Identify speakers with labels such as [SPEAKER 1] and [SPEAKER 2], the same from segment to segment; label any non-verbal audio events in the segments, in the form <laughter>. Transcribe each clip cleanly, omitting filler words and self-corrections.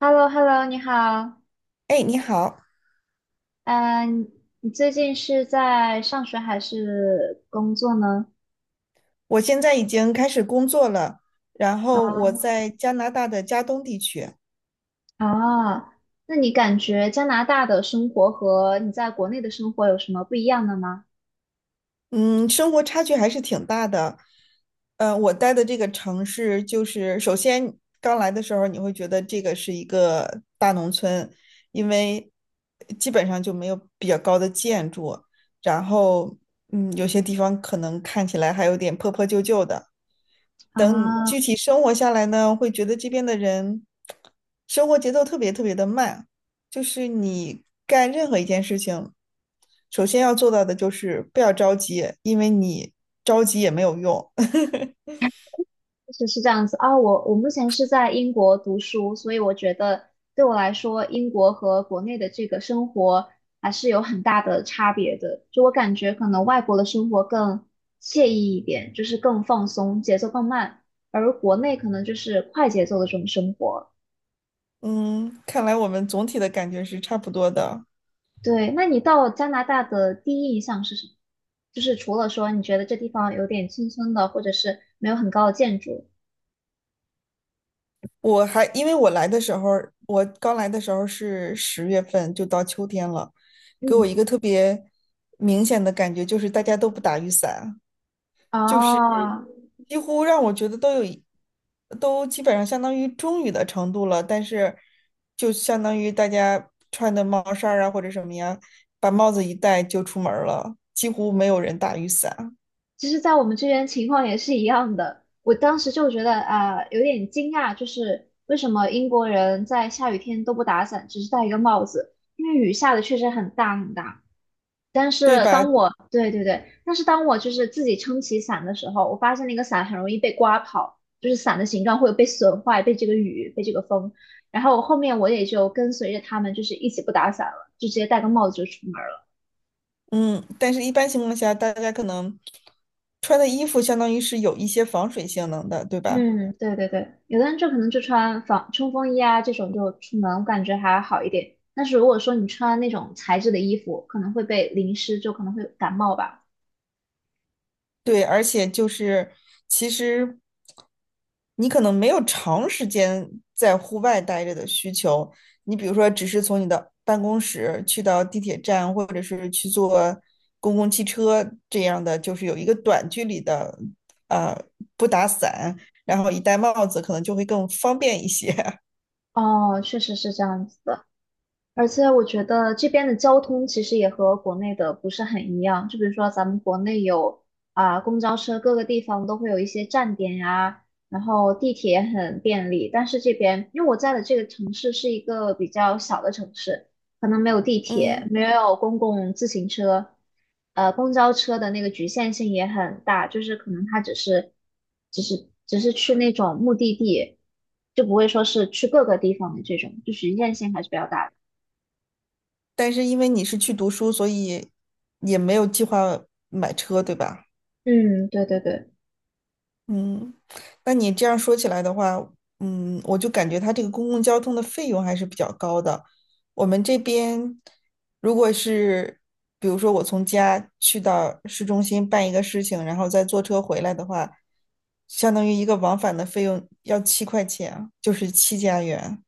[SPEAKER 1] h e l l o 你好，
[SPEAKER 2] 哎，你好，
[SPEAKER 1] 嗯、你最近是在上学还是工作呢？
[SPEAKER 2] 我现在已经开始工作了，然后我在加拿大的加东地区。
[SPEAKER 1] 啊，那你感觉加拿大的生活和你在国内的生活有什么不一样的吗？
[SPEAKER 2] 嗯，生活差距还是挺大的。我待的这个城市，就是首先刚来的时候，你会觉得这个是一个大农村，因为基本上就没有比较高的建筑。然后有些地方可能看起来还有点破破旧旧的。等
[SPEAKER 1] 啊，
[SPEAKER 2] 具体生活下来呢，会觉得这边的人生活节奏特别特别的慢，就是你干任何一件事情，首先要做到的就是不要着急，因为你着急也没有用。<laughs>
[SPEAKER 1] 是是这样子啊，我目前是在英国读书，所以我觉得对我来说，英国和国内的这个生活还是有很大的差别的。就我感觉，可能外国的生活更惬意一点，就是更放松，节奏更慢，而国内可能就是快节奏的这种生活。
[SPEAKER 2] 嗯，看来我们总体的感觉是差不多的。
[SPEAKER 1] 对，那你到加拿大的第一印象是什么？就是除了说你觉得这地方有点村村的，或者是没有很高的建筑，
[SPEAKER 2] 我还因为我来的时候，我刚来的时候是10月份，就到秋天了，给我
[SPEAKER 1] 嗯，
[SPEAKER 2] 一个特别明显的感觉就是大家都不打雨伞。就是
[SPEAKER 1] 哦，
[SPEAKER 2] 几乎让我觉得都有一都基本上相当于中雨的程度了。但是，就相当于大家穿的帽衫儿啊或者什么呀，把帽子一戴就出门儿了，几乎没有人打雨伞，
[SPEAKER 1] 其实，在我们这边情况也是一样的。我当时就觉得啊、有点惊讶，就是为什么英国人在下雨天都不打伞，只是戴一个帽子？因为雨下的确实很大很大。但
[SPEAKER 2] 对
[SPEAKER 1] 是
[SPEAKER 2] 吧？
[SPEAKER 1] 对对对，但是当我就是自己撑起伞的时候，我发现那个伞很容易被刮跑，就是伞的形状会被损坏，被这个雨，被这个风。然后后面我也就跟随着他们，就是一起不打伞了，就直接戴个帽子就出门。
[SPEAKER 2] 嗯，但是一般情况下，大家可能穿的衣服相当于是有一些防水性能的，对吧？
[SPEAKER 1] 嗯，对对对，有的人就可能就穿防冲锋衣啊这种就出门，我感觉还好一点。但是如果说你穿那种材质的衣服，可能会被淋湿，就可能会感冒吧。
[SPEAKER 2] 对，而且就是其实你可能没有长时间在户外待着的需求，你比如说只是从你的办公室去到地铁站，或者是去坐公共汽车这样的，就是有一个短距离的，呃，不打伞，然后一戴帽子，可能就会更方便一些。<laughs>
[SPEAKER 1] 哦，确实是这样子的。而且我觉得这边的交通其实也和国内的不是很一样，就比如说咱们国内有啊、公交车，各个地方都会有一些站点呀、然后地铁也很便利，但是这边因为我在的这个城市是一个比较小的城市，可能没有地铁，
[SPEAKER 2] 嗯，
[SPEAKER 1] 没有公共自行车，公交车的那个局限性也很大，就是可能它只是去那种目的地，就不会说是去各个地方的这种，就局限性还是比较大的。
[SPEAKER 2] 但是因为你是去读书，所以也没有计划买车，对吧？
[SPEAKER 1] 嗯，对对对，
[SPEAKER 2] 嗯，那你这样说起来的话，我就感觉它这个公共交通的费用还是比较高的。我们这边如果是，比如说我从家去到市中心办一个事情，然后再坐车回来的话，相当于一个往返的费用要7块钱，就是7加元。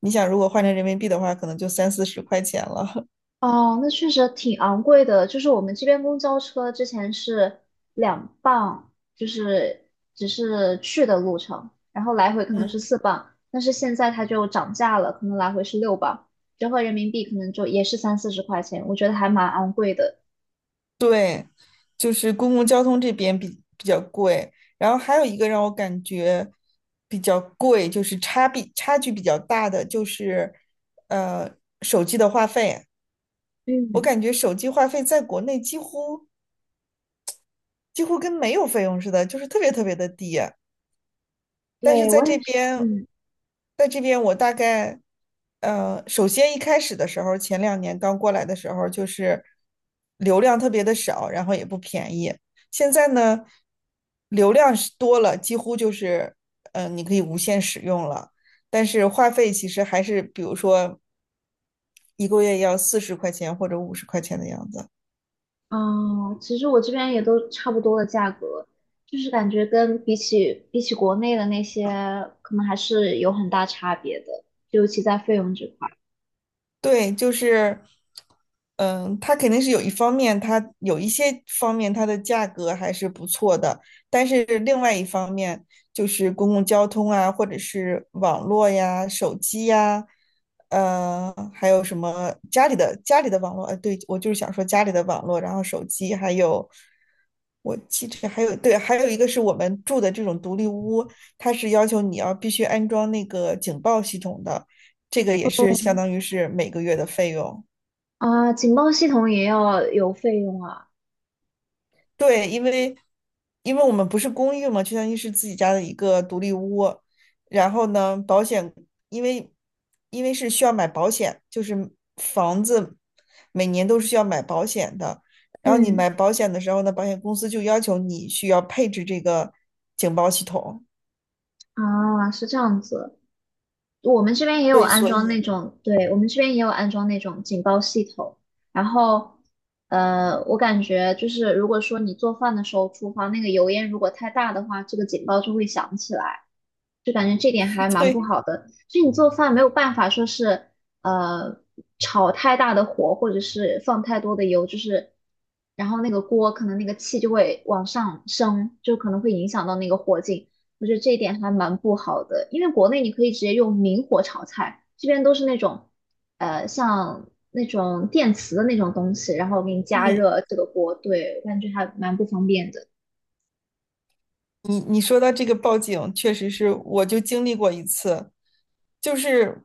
[SPEAKER 2] 你想，如果换成人民币的话，可能就30-40块钱了。
[SPEAKER 1] 哦，那确实挺昂贵的。就是我们这边公交车之前是两磅，就是只是去的路程，然后来回可
[SPEAKER 2] <laughs>
[SPEAKER 1] 能是
[SPEAKER 2] 嗯
[SPEAKER 1] 四磅，但是现在它就涨价了，可能来回是六磅，折合人民币可能就也是三四十块钱，我觉得还蛮昂贵的。
[SPEAKER 2] 对，就是公共交通这边比较贵，然后还有一个让我感觉比较贵，就是差距比较大的就是呃手机的话费。我
[SPEAKER 1] 嗯，
[SPEAKER 2] 感觉手机话费在国内几乎跟没有费用似的，就是特别特别的低。但是
[SPEAKER 1] 对，
[SPEAKER 2] 在
[SPEAKER 1] 我也
[SPEAKER 2] 这
[SPEAKER 1] 是，
[SPEAKER 2] 边，
[SPEAKER 1] 嗯，
[SPEAKER 2] 我大概，首先一开始的时候，前2年刚过来的时候，就是流量特别的少，然后也不便宜。现在呢，流量是多了，几乎就是，你可以无限使用了。但是话费其实还是，比如说1个月要四十块钱或者50块钱的样子。
[SPEAKER 1] 哦，其实我这边也都差不多的价格，就是感觉跟比起国内的那些，可能还是有很大差别的，尤其在费用这块
[SPEAKER 2] 对，就是，它肯定是有一方面，它有一些方面它的价格还是不错的，但是另外一方面就是公共交通啊，或者是网络呀、手机呀，还有什么家里的网络，对，我就是想说家里的网络，然后手机，还有我记着还有对，还有一个是我们住的这种独立屋，它是要求你要必须安装那个警报系统的。这个也是相当于是每个月的费用。
[SPEAKER 1] 啊，警报系统也要有费用啊。
[SPEAKER 2] 对，因为我们不是公寓嘛，就相当于是自己家的一个独立屋。然后呢，保险因为是需要买保险，就是房子每年都是需要买保险的。然后你
[SPEAKER 1] 嗯，
[SPEAKER 2] 买保险的时候呢，保险公司就要求你需要配置这个警报系统。
[SPEAKER 1] 啊，是这样子，我们这边也有
[SPEAKER 2] 对，
[SPEAKER 1] 安
[SPEAKER 2] 所
[SPEAKER 1] 装
[SPEAKER 2] 以
[SPEAKER 1] 那种，对，我们这边也有安装那种警报系统，然后。我感觉就是，如果说你做饭的时候，厨房那个油烟如果太大的话，这个警报就会响起来。就感觉这点还
[SPEAKER 2] <laughs>
[SPEAKER 1] 蛮不
[SPEAKER 2] 对，
[SPEAKER 1] 好的。就以你做饭没有办法说是呃炒太大的火，或者是放太多的油，就是然后那个锅可能那个气就会往上升，就可能会影响到那个火劲。我觉得这一点还蛮不好的，因为国内你可以直接用明火炒菜，这边都是那种像那种电磁的那种东西，然后给你加
[SPEAKER 2] 嗯。
[SPEAKER 1] 热这个锅，对，我感觉还蛮不方便的。
[SPEAKER 2] 你说到这个报警，确实是我就经历过一次，就是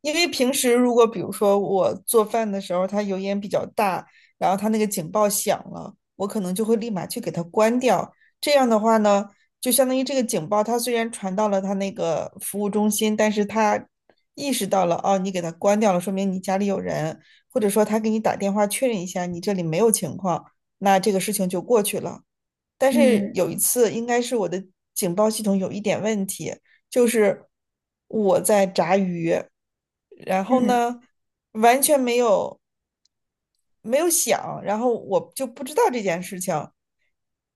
[SPEAKER 2] 因为平时如果比如说我做饭的时候，它油烟比较大，然后它那个警报响了，我可能就会立马去给它关掉。这样的话呢，就相当于这个警报它虽然传到了它那个服务中心，但是它意识到了哦，你给它关掉了，说明你家里有人，或者说他给你打电话确认一下你这里没有情况，那这个事情就过去了。但是
[SPEAKER 1] 嗯
[SPEAKER 2] 有一次，应该是我的警报系统有一点问题，就是我在炸鱼，然后
[SPEAKER 1] 嗯
[SPEAKER 2] 呢，完全没有响，然后我就不知道这件事情，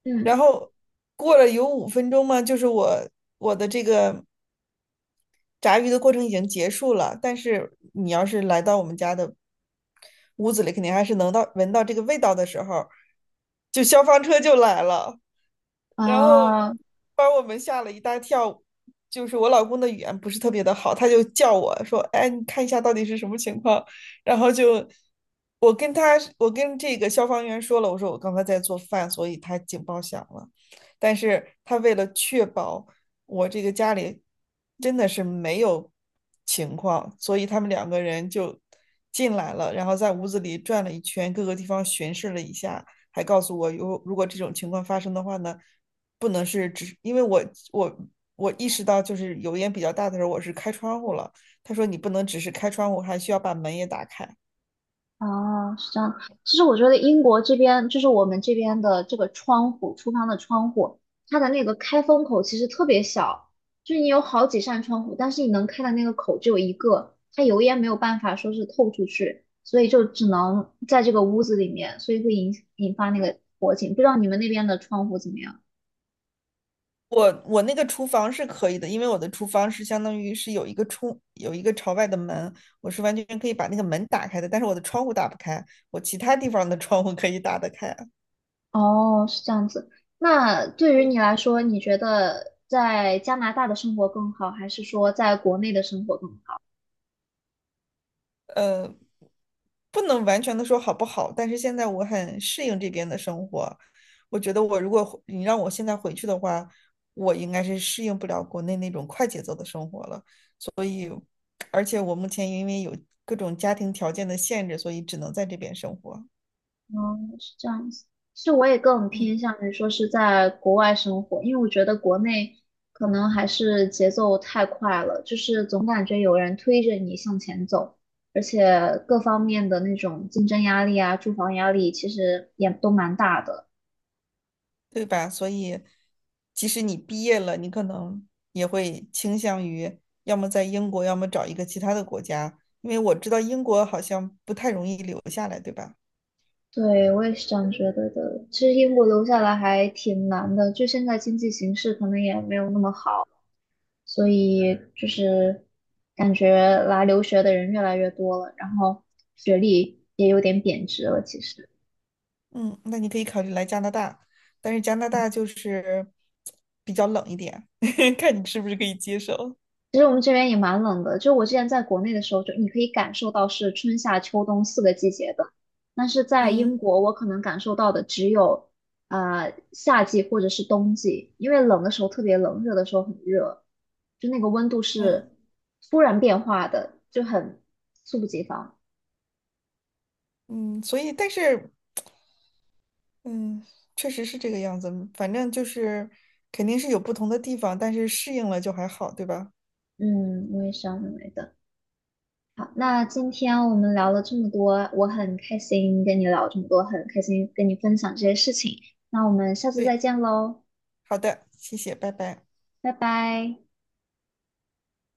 [SPEAKER 1] 嗯，
[SPEAKER 2] 然后过了有5分钟嘛，就是我的这个炸鱼的过程已经结束了，但是你要是来到我们家的屋子里，肯定还是能到闻到这个味道的时候，就消防车就来了。然后
[SPEAKER 1] 啊。哦
[SPEAKER 2] 把我们吓了一大跳。就是我老公的语言不是特别的好，他就叫我说：“哎，你看一下到底是什么情况。”然后就我跟这个消防员说了，我说我刚才在做饭，所以他警报响了。但是他为了确保我这个家里真的是没有情况，所以他们2个人就进来了，然后在屋子里转了一圈，各个地方巡视了一下，还告诉我，如果这种情况发生的话呢，不能是只因为我我意识到就是油烟比较大的时候，我是开窗户了。他说你不能只是开窗户，还需要把门也打开。
[SPEAKER 1] 哦，是这样的。其实我觉得英国这边，就是我们这边的这个窗户，厨房的窗户，它的那个开封口其实特别小，就是你有好几扇窗户，但是你能开的那个口只有一个，它油烟没有办法说是透出去，所以就只能在这个屋子里面，所以会引发那个火警。不知道你们那边的窗户怎么样？
[SPEAKER 2] 我那个厨房是可以的，因为我的厨房是相当于是有一个有一个朝外的门，我是完全可以把那个门打开的，但是我的窗户打不开，我其他地方的窗户可以打得开。
[SPEAKER 1] 哦，是这样子。那对于你来说，你觉得在加拿大的生活更好，还是说在国内的生活更好？
[SPEAKER 2] 不能完全的说好不好，但是现在我很适应这边的生活。我觉得我如果你让我现在回去的话，我应该是适应不了国内那种快节奏的生活了。所以，而且我目前因为有各种家庭条件的限制，所以只能在这边生活，
[SPEAKER 1] 嗯，是这样子。其实我也更
[SPEAKER 2] 嗯，
[SPEAKER 1] 偏向于说是在国外生活，因为我觉得国内可能还是节奏太快了，就是总感觉有人推着你向前走，而且各方面的那种竞争压力啊、住房压力，其实也都蛮大的。
[SPEAKER 2] 对吧？所以，即使你毕业了，你可能也会倾向于要么在英国，要么找一个其他的国家，因为我知道英国好像不太容易留下来，对吧？
[SPEAKER 1] 对，我也是这样觉得的。其实英国留下来还挺难的，就现在经济形势可能也没有那么好。所以就是感觉来留学的人越来越多了，然后学历也有点贬值了。其实，
[SPEAKER 2] 嗯，那你可以考虑来加拿大，但是加拿大就是比较冷一点，<laughs> 看你是不是可以接受。
[SPEAKER 1] 其实我们这边也蛮冷的，就我之前在国内的时候，就你可以感受到是春夏秋冬四个季节的，但是在
[SPEAKER 2] 嗯
[SPEAKER 1] 英国，我可能感受到的只有夏季或者是冬季，因为冷的时候特别冷，热的时候很热，就那个温度
[SPEAKER 2] 嗯
[SPEAKER 1] 是突然变化的，就很猝不及防。
[SPEAKER 2] 嗯，所以但是嗯，确实是这个样子，反正就是肯定是有不同的地方，但是适应了就还好，对吧？
[SPEAKER 1] 嗯，我也是这样认为的。好，那今天我们聊了这么多，我很开心跟你聊这么多，很开心跟你分享这些事情。那我们下次再
[SPEAKER 2] 对，
[SPEAKER 1] 见喽，
[SPEAKER 2] 好的，谢谢，拜拜。
[SPEAKER 1] 拜拜。